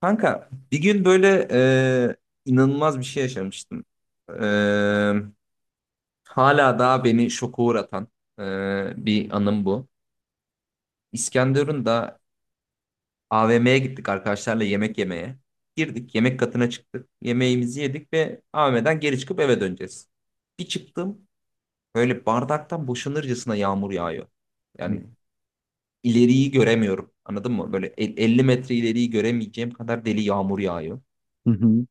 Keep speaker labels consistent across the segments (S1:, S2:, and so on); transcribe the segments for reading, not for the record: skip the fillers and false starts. S1: Kanka bir gün böyle e, inanılmaz bir şey yaşamıştım. E, hala daha beni şoka uğratan e, bir anım bu. İskenderun'da AVM'ye gittik arkadaşlarla yemek yemeye. Girdik yemek katına çıktık. Yemeğimizi yedik ve AVM'den geri çıkıp eve döneceğiz. Bir çıktım böyle bardaktan boşanırcasına yağmur yağıyor.
S2: Hı
S1: Yani ileriyi göremiyorum, anladın mı? Böyle 50 metre ileriyi göremeyeceğim kadar deli yağmur yağıyor.
S2: hı.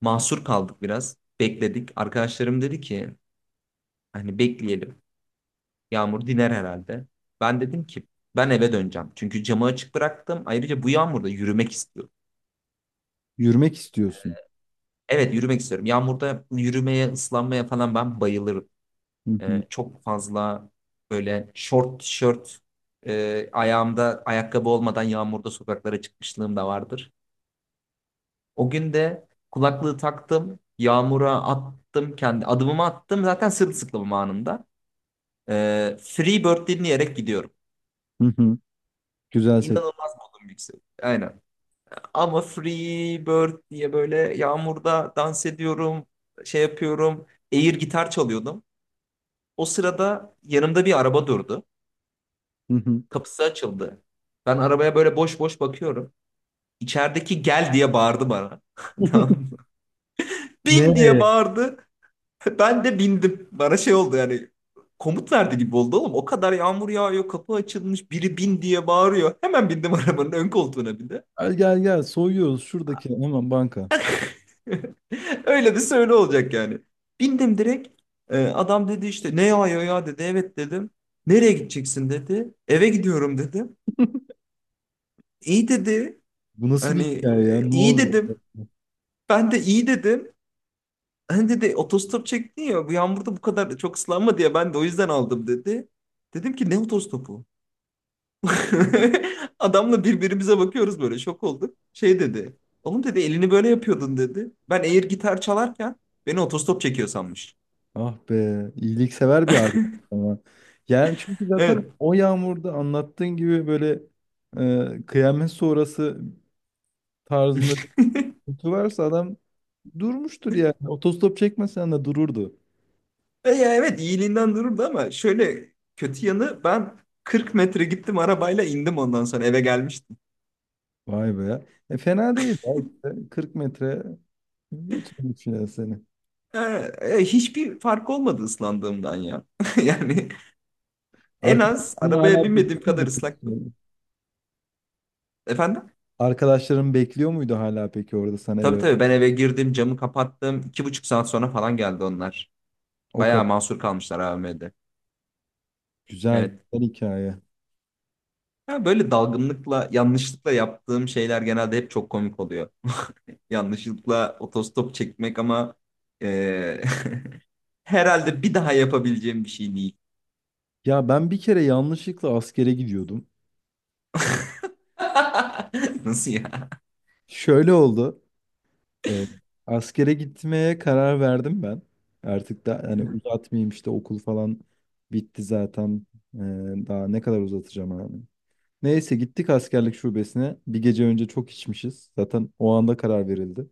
S1: Mahsur kaldık biraz. Bekledik. Arkadaşlarım dedi ki hani bekleyelim. Yağmur diner herhalde. Ben dedim ki ben eve döneceğim. Çünkü camı açık bıraktım. Ayrıca bu yağmurda yürümek istiyorum.
S2: Yürümek istiyorsun.
S1: Evet, yürümek istiyorum. Yağmurda yürümeye, ıslanmaya falan ben bayılırım.
S2: Hı hı.
S1: Çok fazla böyle short tişört, ayağımda ayakkabı olmadan yağmurda sokaklara çıkmışlığım da vardır. O gün de kulaklığı taktım. Yağmura attım, kendi adımımı attım, zaten sırılsıklamım anında. Freebird dinleyerek gidiyorum.
S2: Hı hı. Güzel seç.
S1: İnanılmaz modum yükseliyor. Aynen. Ama Freebird diye böyle yağmurda dans ediyorum, şey yapıyorum. Air gitar çalıyordum. O sırada yanımda bir araba durdu.
S2: Hı hı.
S1: Kapısı açıldı. Ben arabaya böyle boş boş bakıyorum. İçerideki gel diye bağırdı bana. Tamam mı? Bin diye
S2: Nereye?
S1: bağırdı. Ben de bindim. Bana şey oldu, yani komut verdi gibi oldu oğlum. O kadar yağmur yağıyor, kapı açılmış, biri bin diye bağırıyor. Hemen bindim arabanın ön koltuğuna bir de.
S2: Gel gel gel soyuyoruz şuradaki hemen banka.
S1: Öyle bir söyle olacak yani. Bindim direkt. Adam dedi işte ne yağıyor ya ya dedi. Evet dedim. Nereye gideceksin dedi. Eve gidiyorum dedim. İyi dedi.
S2: Bu nasıl bir
S1: Hani
S2: hikaye ya? Ne
S1: iyi
S2: oluyor?
S1: dedim. Ben de iyi dedim. Hani dedi otostop çektin ya bu yağmurda bu kadar çok ıslanma diye ben de o yüzden aldım dedi. Dedim ki ne otostopu? Adamla birbirimize bakıyoruz, böyle şok olduk. Şey dedi. Oğlum dedi elini böyle yapıyordun dedi. Ben eğer gitar çalarken, beni otostop çekiyor sanmış.
S2: Ah be, iyiliksever bir abi ama. Yani çünkü zaten
S1: Evet.
S2: o yağmurda anlattığın gibi böyle kıyamet sonrası tarzında bir kutu varsa adam durmuştur yani. Otostop çekmesen de dururdu.
S1: E ya evet, iyiliğinden dururdu ama şöyle kötü yanı ben 40 metre gittim arabayla, indim, ondan sonra eve gelmiştim.
S2: Vay be. Fena değil, ya işte. 40 metre götürmüş ya seni.
S1: E, hiçbir fark olmadı ıslandığımdan ya. Yani en az
S2: Arkadaşların
S1: arabaya
S2: hala bekliyor
S1: binmediğim kadar
S2: muydu
S1: ıslaktım.
S2: peki?
S1: Efendim?
S2: Arkadaşların bekliyor muydu hala peki orada sana
S1: Tabii
S2: eve?
S1: tabii, ben eve girdim, camı kapattım. 2,5 saat sonra falan geldi onlar.
S2: O kadar
S1: Bayağı mahsur kalmışlar AVM'de.
S2: güzel,
S1: Evet.
S2: güzel hikaye.
S1: Ya böyle dalgınlıkla, yanlışlıkla yaptığım şeyler genelde hep çok komik oluyor. Yanlışlıkla otostop çekmek ama eee, herhalde bir daha yapabileceğim bir şey değil.
S2: Ya ben bir kere yanlışlıkla askere gidiyordum.
S1: Nasıl ya?
S2: Şöyle oldu. e, Askere gitmeye karar verdim ben. Artık da yani uzatmayayım işte okul falan bitti zaten. E, Daha ne kadar uzatacağım abi. Neyse gittik askerlik şubesine. Bir gece önce çok içmişiz. Zaten o anda karar verildi.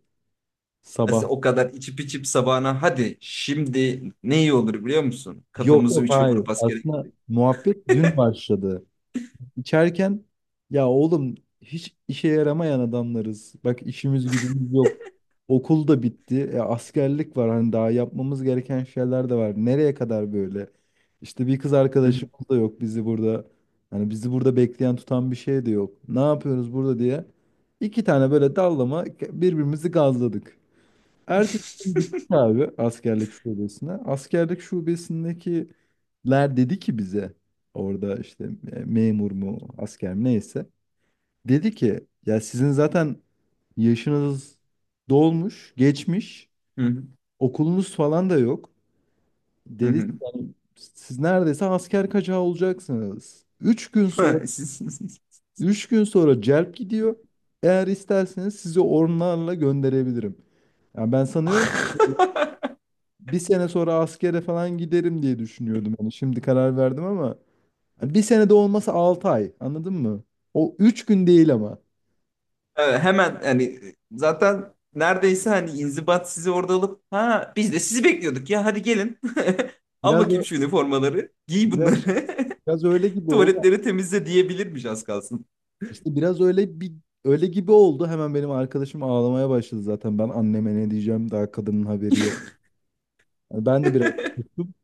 S2: Sabah.
S1: Aslında o kadar içip içip sabahına, hadi şimdi ne iyi olur biliyor musun?
S2: Yok,
S1: Kafamızı
S2: yok,
S1: üçe
S2: hayır.
S1: vurup askere
S2: Aslında
S1: gittik.
S2: muhabbet dün başladı. İçerken ya oğlum hiç işe yaramayan adamlarız. Bak işimiz gücümüz yok. Okul da bitti. Askerlik var. Hani daha yapmamız gereken şeyler de var. Nereye kadar böyle? İşte bir kız
S1: Hı hı.
S2: arkadaşımız da yok bizi burada. Hani bizi burada bekleyen tutan bir şey de yok. Ne yapıyoruz burada diye. İki tane böyle dallama birbirimizi gazladık. Ertesi gün gittik abi askerlik şubesine. Askerlik şubesindekiler dedi ki bize orada işte memur mu asker mi neyse. Dedi ki ya sizin zaten yaşınız dolmuş, geçmiş,
S1: Hı hı.
S2: okulunuz falan da yok.
S1: Hı
S2: Dedi
S1: hı.
S2: yani siz neredeyse asker kaçağı olacaksınız. 3 gün sonra,
S1: Siz.
S2: 3 gün sonra celp gidiyor. Eğer isterseniz sizi ormanlarla gönderebilirim. Yani ben sanıyorum bir sene sonra askere falan giderim diye düşünüyordum. Hani şimdi karar verdim ama hani bir sene de olmasa 6 ay. Anladın mı? O 3 gün değil ama.
S1: Evet, hemen hani zaten neredeyse hani inzibat sizi orada alıp ha biz de sizi bekliyorduk ya hadi gelin. Al
S2: Biraz
S1: bakayım
S2: ö-
S1: şu üniformaları. Giy
S2: biraz,
S1: bunları.
S2: Biraz öyle gibi oldu.
S1: Tuvaletleri temizle diyebilirmiş az kalsın.
S2: İşte biraz öyle bir öyle gibi oldu. Hemen benim arkadaşım ağlamaya başladı zaten. Ben anneme ne diyeceğim daha kadının haberi yok. Yani ben de biraz tuttum.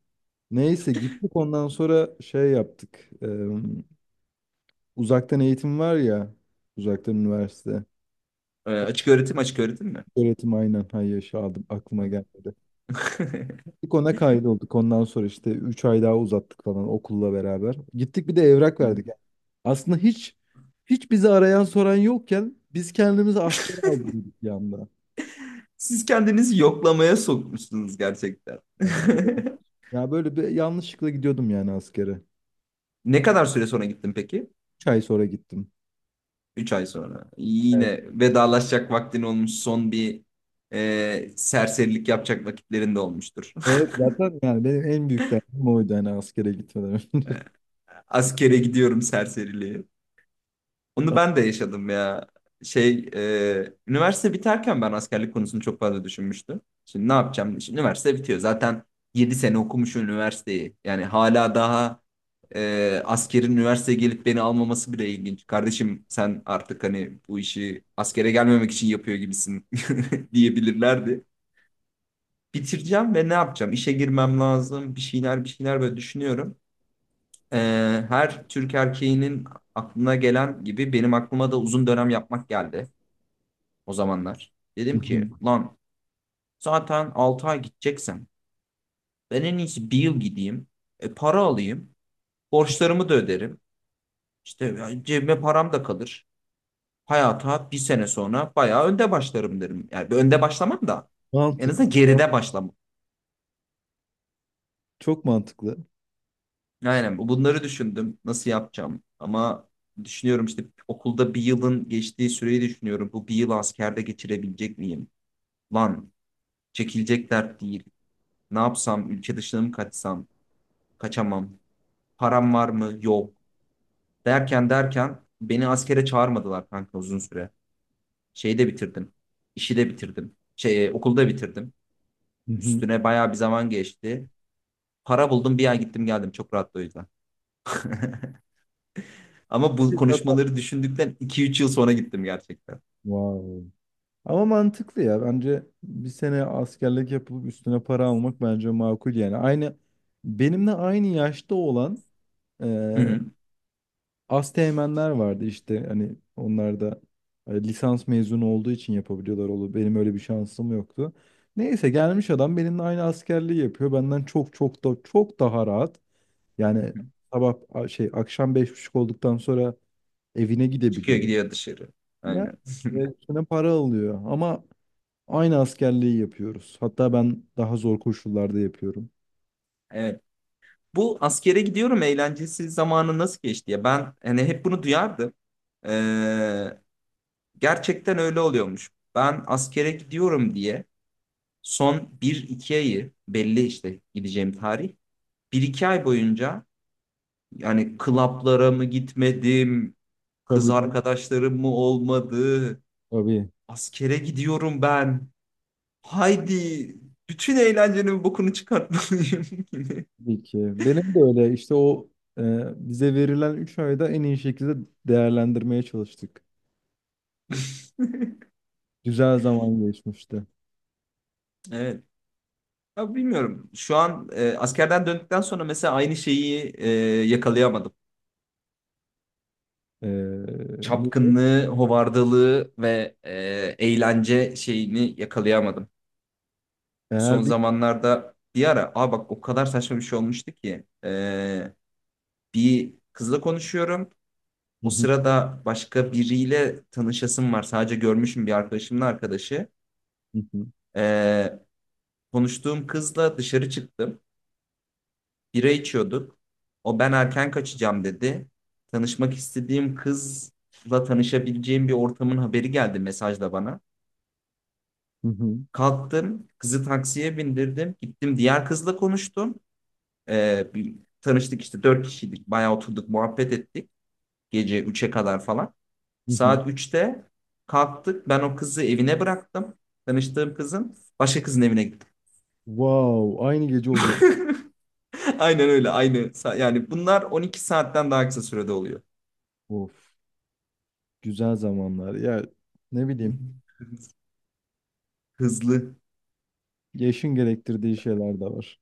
S2: Neyse gittik ondan sonra şey yaptık. Uzaktan eğitim var ya. Uzaktan üniversite.
S1: Açık öğretim, açık öğretim mi?
S2: Öğretim aynen. Hayır yaşa aldım. Aklıma geldi. İlk ona kaydolduk. Ondan sonra işte 3 ay daha uzattık falan okulla beraber. Gittik bir de evrak verdik. Yani aslında hiç bizi arayan soran yokken biz kendimizi askere aldırdık bir anda.
S1: Siz kendinizi yoklamaya sokmuşsunuz gerçekten.
S2: Yani böyle- Ya böyle bir yanlışlıkla gidiyordum yani askere.
S1: Ne kadar süre sonra gittin peki?
S2: 3 ay sonra gittim.
S1: 3 ay sonra.
S2: Evet.
S1: Yine vedalaşacak vaktin olmuş. Son bir serserilik yapacak vakitlerinde olmuştur.
S2: Evet, zaten yani benim en büyük derdim oydu hani askere gitmeden önce.
S1: Askere gidiyorum serseriliği. Onu ben de yaşadım ya. Şey, üniversite biterken ben askerlik konusunu çok fazla düşünmüştüm. Şimdi ne yapacağım? Şimdi üniversite bitiyor. Zaten 7 sene okumuşum üniversiteyi. Yani hala daha askerin üniversiteye gelip beni almaması bile ilginç. Kardeşim sen artık hani bu işi askere gelmemek için yapıyor gibisin diyebilirlerdi. Bitireceğim ve ne yapacağım? İşe girmem lazım. Bir şeyler bir şeyler böyle düşünüyorum. e, Her Türk erkeğinin aklına gelen gibi benim aklıma da uzun dönem yapmak geldi o zamanlar. Dedim ki lan zaten 6 ay gideceksem ben en iyisi bir yıl gideyim. Para alayım. Borçlarımı da öderim. İşte cebime param da kalır. Hayata bir sene sonra bayağı önde başlarım derim. Yani önde başlamam da en
S2: Mantıklı.
S1: azından geride başlamam.
S2: Çok mantıklı.
S1: Aynen. Bunları düşündüm nasıl yapacağım ama düşünüyorum işte okulda bir yılın geçtiği süreyi düşünüyorum. Bu bir yıl askerde geçirebilecek miyim? Lan çekilecek dert değil. Ne yapsam, ülke dışına mı kaçsam? Kaçamam. Param var mı? Yok. Derken derken beni askere çağırmadılar kanka uzun süre. Şeyi de bitirdim. İşi de bitirdim. Şey, okulda bitirdim.
S2: Hı hı.
S1: Üstüne bayağı bir zaman geçti. Para buldum, bir ay gittim geldim, çok rahat o yüzden. Ama bu konuşmaları düşündükten 2-3 yıl sonra gittim gerçekten.
S2: Wow. Ama mantıklı ya. Bence bir sene askerlik yapılıp üstüne para almak bence makul yani. Aynı benimle aynı yaşta olan e,
S1: Hı hı.
S2: asteğmenler vardı işte. Hani onlar da lisans mezunu olduğu için yapabiliyorlar oğlum. Benim öyle bir şansım yoktu. Neyse gelmiş adam benimle aynı askerliği yapıyor. Benden çok çok da çok daha rahat.
S1: Hı
S2: Yani
S1: hı.
S2: sabah a- şey akşam 5:30 olduktan sonra evine
S1: Çıkıyor
S2: gidebiliyor.
S1: gidiyor dışarı.
S2: Ya
S1: Aynen.
S2: ve üstüne para alıyor. Ama aynı askerliği yapıyoruz. Hatta ben daha zor koşullarda yapıyorum.
S1: Evet. Bu askere gidiyorum eğlencesi zamanı nasıl geçti ya? Ben hani hep bunu duyardım. Ee, gerçekten öyle oluyormuş. Ben askere gidiyorum diye son bir iki ayı, belli işte gideceğim tarih, bir iki ay boyunca yani klaplara mı gitmedim, kız
S2: Tabii, tabii.
S1: arkadaşlarım mı olmadı,
S2: Tabii,
S1: askere gidiyorum ben. Haydi bütün eğlencenin bokunu çıkartmalıyım gibi.
S2: tabii ki. Benim de öyle işte o e, bize verilen 3 ayda en iyi şekilde değerlendirmeye çalıştık. Güzel zaman geçmişti.
S1: Evet. Ya bilmiyorum. Şu an askerden döndükten sonra mesela aynı şeyi yakalayamadım.
S2: E, Ne diyeyim?
S1: Çapkınlığı, hovardalığı ve eğlence şeyini yakalayamadım. Son
S2: Eğer bir...
S1: zamanlarda bir ara, aa bak, o kadar saçma bir şey olmuştu ki bir kızla konuşuyorum.
S2: Hı
S1: O
S2: hı,
S1: sırada başka biriyle tanışasım var. Sadece görmüşüm bir arkadaşımın arkadaşı.
S2: hı hı,
S1: E, konuştuğum kızla dışarı çıktım. Bira içiyorduk. O ben erken kaçacağım dedi. Tanışmak istediğim kızla tanışabileceğim bir ortamın haberi geldi mesajla bana.
S2: hı hı,
S1: Kalktım, kızı taksiye bindirdim. Gittim diğer kızla konuştum. Ee, bir, tanıştık işte, dört kişiydik. Bayağı oturduk, muhabbet ettik. Gece üçe kadar falan.
S2: hı hı.
S1: Saat üçte kalktık. Ben o kızı evine bıraktım. Tanıştığım kızın. Başka kızın evine gittim.
S2: Wow, aynı gece oluyor.
S1: Aynen öyle, aynı. Yani bunlar 12 saatten daha kısa sürede oluyor.
S2: Of, güzel zamanlar. Ya ne bileyim,
S1: Hızlı.
S2: yaşın gerektirdiği şeyler de var.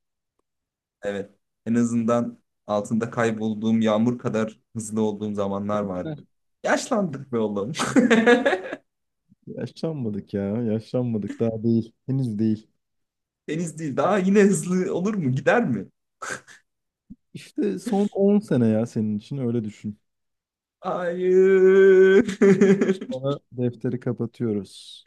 S1: Evet. En azından altında kaybolduğum yağmur kadar hızlı olduğum zamanlar vardı. Yaşlandık be oğlum.
S2: Yaşlanmadık ya. Yaşlanmadık. Daha değil. Henüz değil.
S1: Deniz değil. Daha yine hızlı olur mu? Gider mi?
S2: İşte son 10 sene ya senin için öyle düşün.
S1: Hayır.
S2: Sonra defteri kapatıyoruz.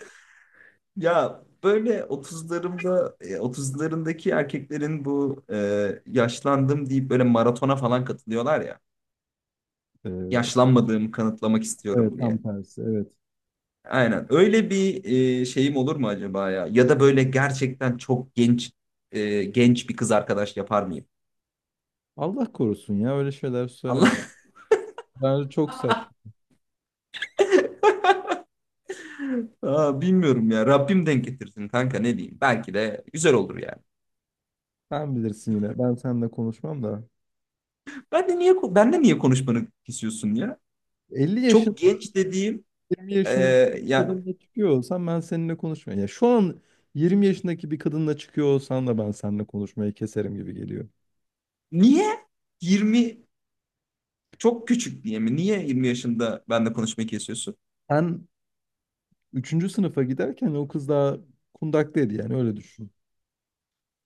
S1: Ya böyle 30'larımda, otuzlarındaki erkeklerin bu yaşlandım deyip böyle maratona falan katılıyorlar ya.
S2: Ee,
S1: Yaşlanmadığımı kanıtlamak
S2: evet,
S1: istiyorum
S2: tam
S1: diye.
S2: tersi. Evet.
S1: Aynen. Öyle bir şeyim olur mu acaba ya? Ya da böyle gerçekten çok genç, genç bir kız arkadaş yapar mıyım?
S2: Allah korusun ya öyle şeyler söyleme.
S1: Allah.
S2: Bence çok saçma.
S1: Aa, bilmiyorum ya. Rabbim denk getirsin kanka, ne diyeyim. Belki de güzel olur yani.
S2: Sen bilirsin yine. Ben seninle konuşmam da.
S1: Ben de niye konuşmanı kesiyorsun ya?
S2: 50 yaşın
S1: Çok genç dediğim
S2: 20
S1: e,
S2: yaşındaki bir
S1: ya,
S2: kadınla çıkıyor olsam ben seninle konuşmam. Ya şu an 20 yaşındaki bir kadınla çıkıyor olsan da ben seninle konuşmayı keserim gibi geliyor.
S1: niye 20 çok küçük diye mi? Niye 20 yaşında ben de konuşmayı kesiyorsun?
S2: Sen üçüncü sınıfa giderken o kız daha kundaktaydı yani öyle düşün.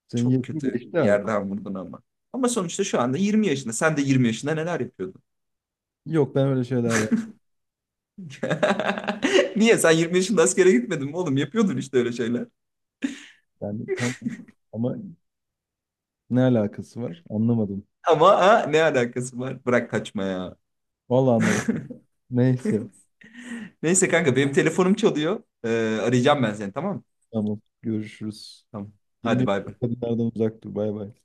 S2: Senin
S1: Çok
S2: yetin
S1: kötü
S2: geçti
S1: bir
S2: artık.
S1: yerden vurdun ama. Ama sonuçta şu anda 20 yaşında. Sen de 20 yaşında neler yapıyordun?
S2: Yok ben öyle şeyler yapmam.
S1: Niye? Sen 20 yaşında askere gitmedin mi oğlum? Yapıyordun işte öyle şeyler.
S2: Yani tamam ama ne alakası var? Anlamadım.
S1: Ama ha, ne alakası var? Bırak kaçma ya.
S2: Vallahi anlamadım. Neyse.
S1: Neyse kanka benim telefonum çalıyor. Arayacağım ben seni, tamam mı?
S2: Tamam. Görüşürüz.
S1: Tamam.
S2: 20
S1: Hadi bay
S2: yaşındaki
S1: bay.
S2: kadınlardan uzak dur. Bay bay.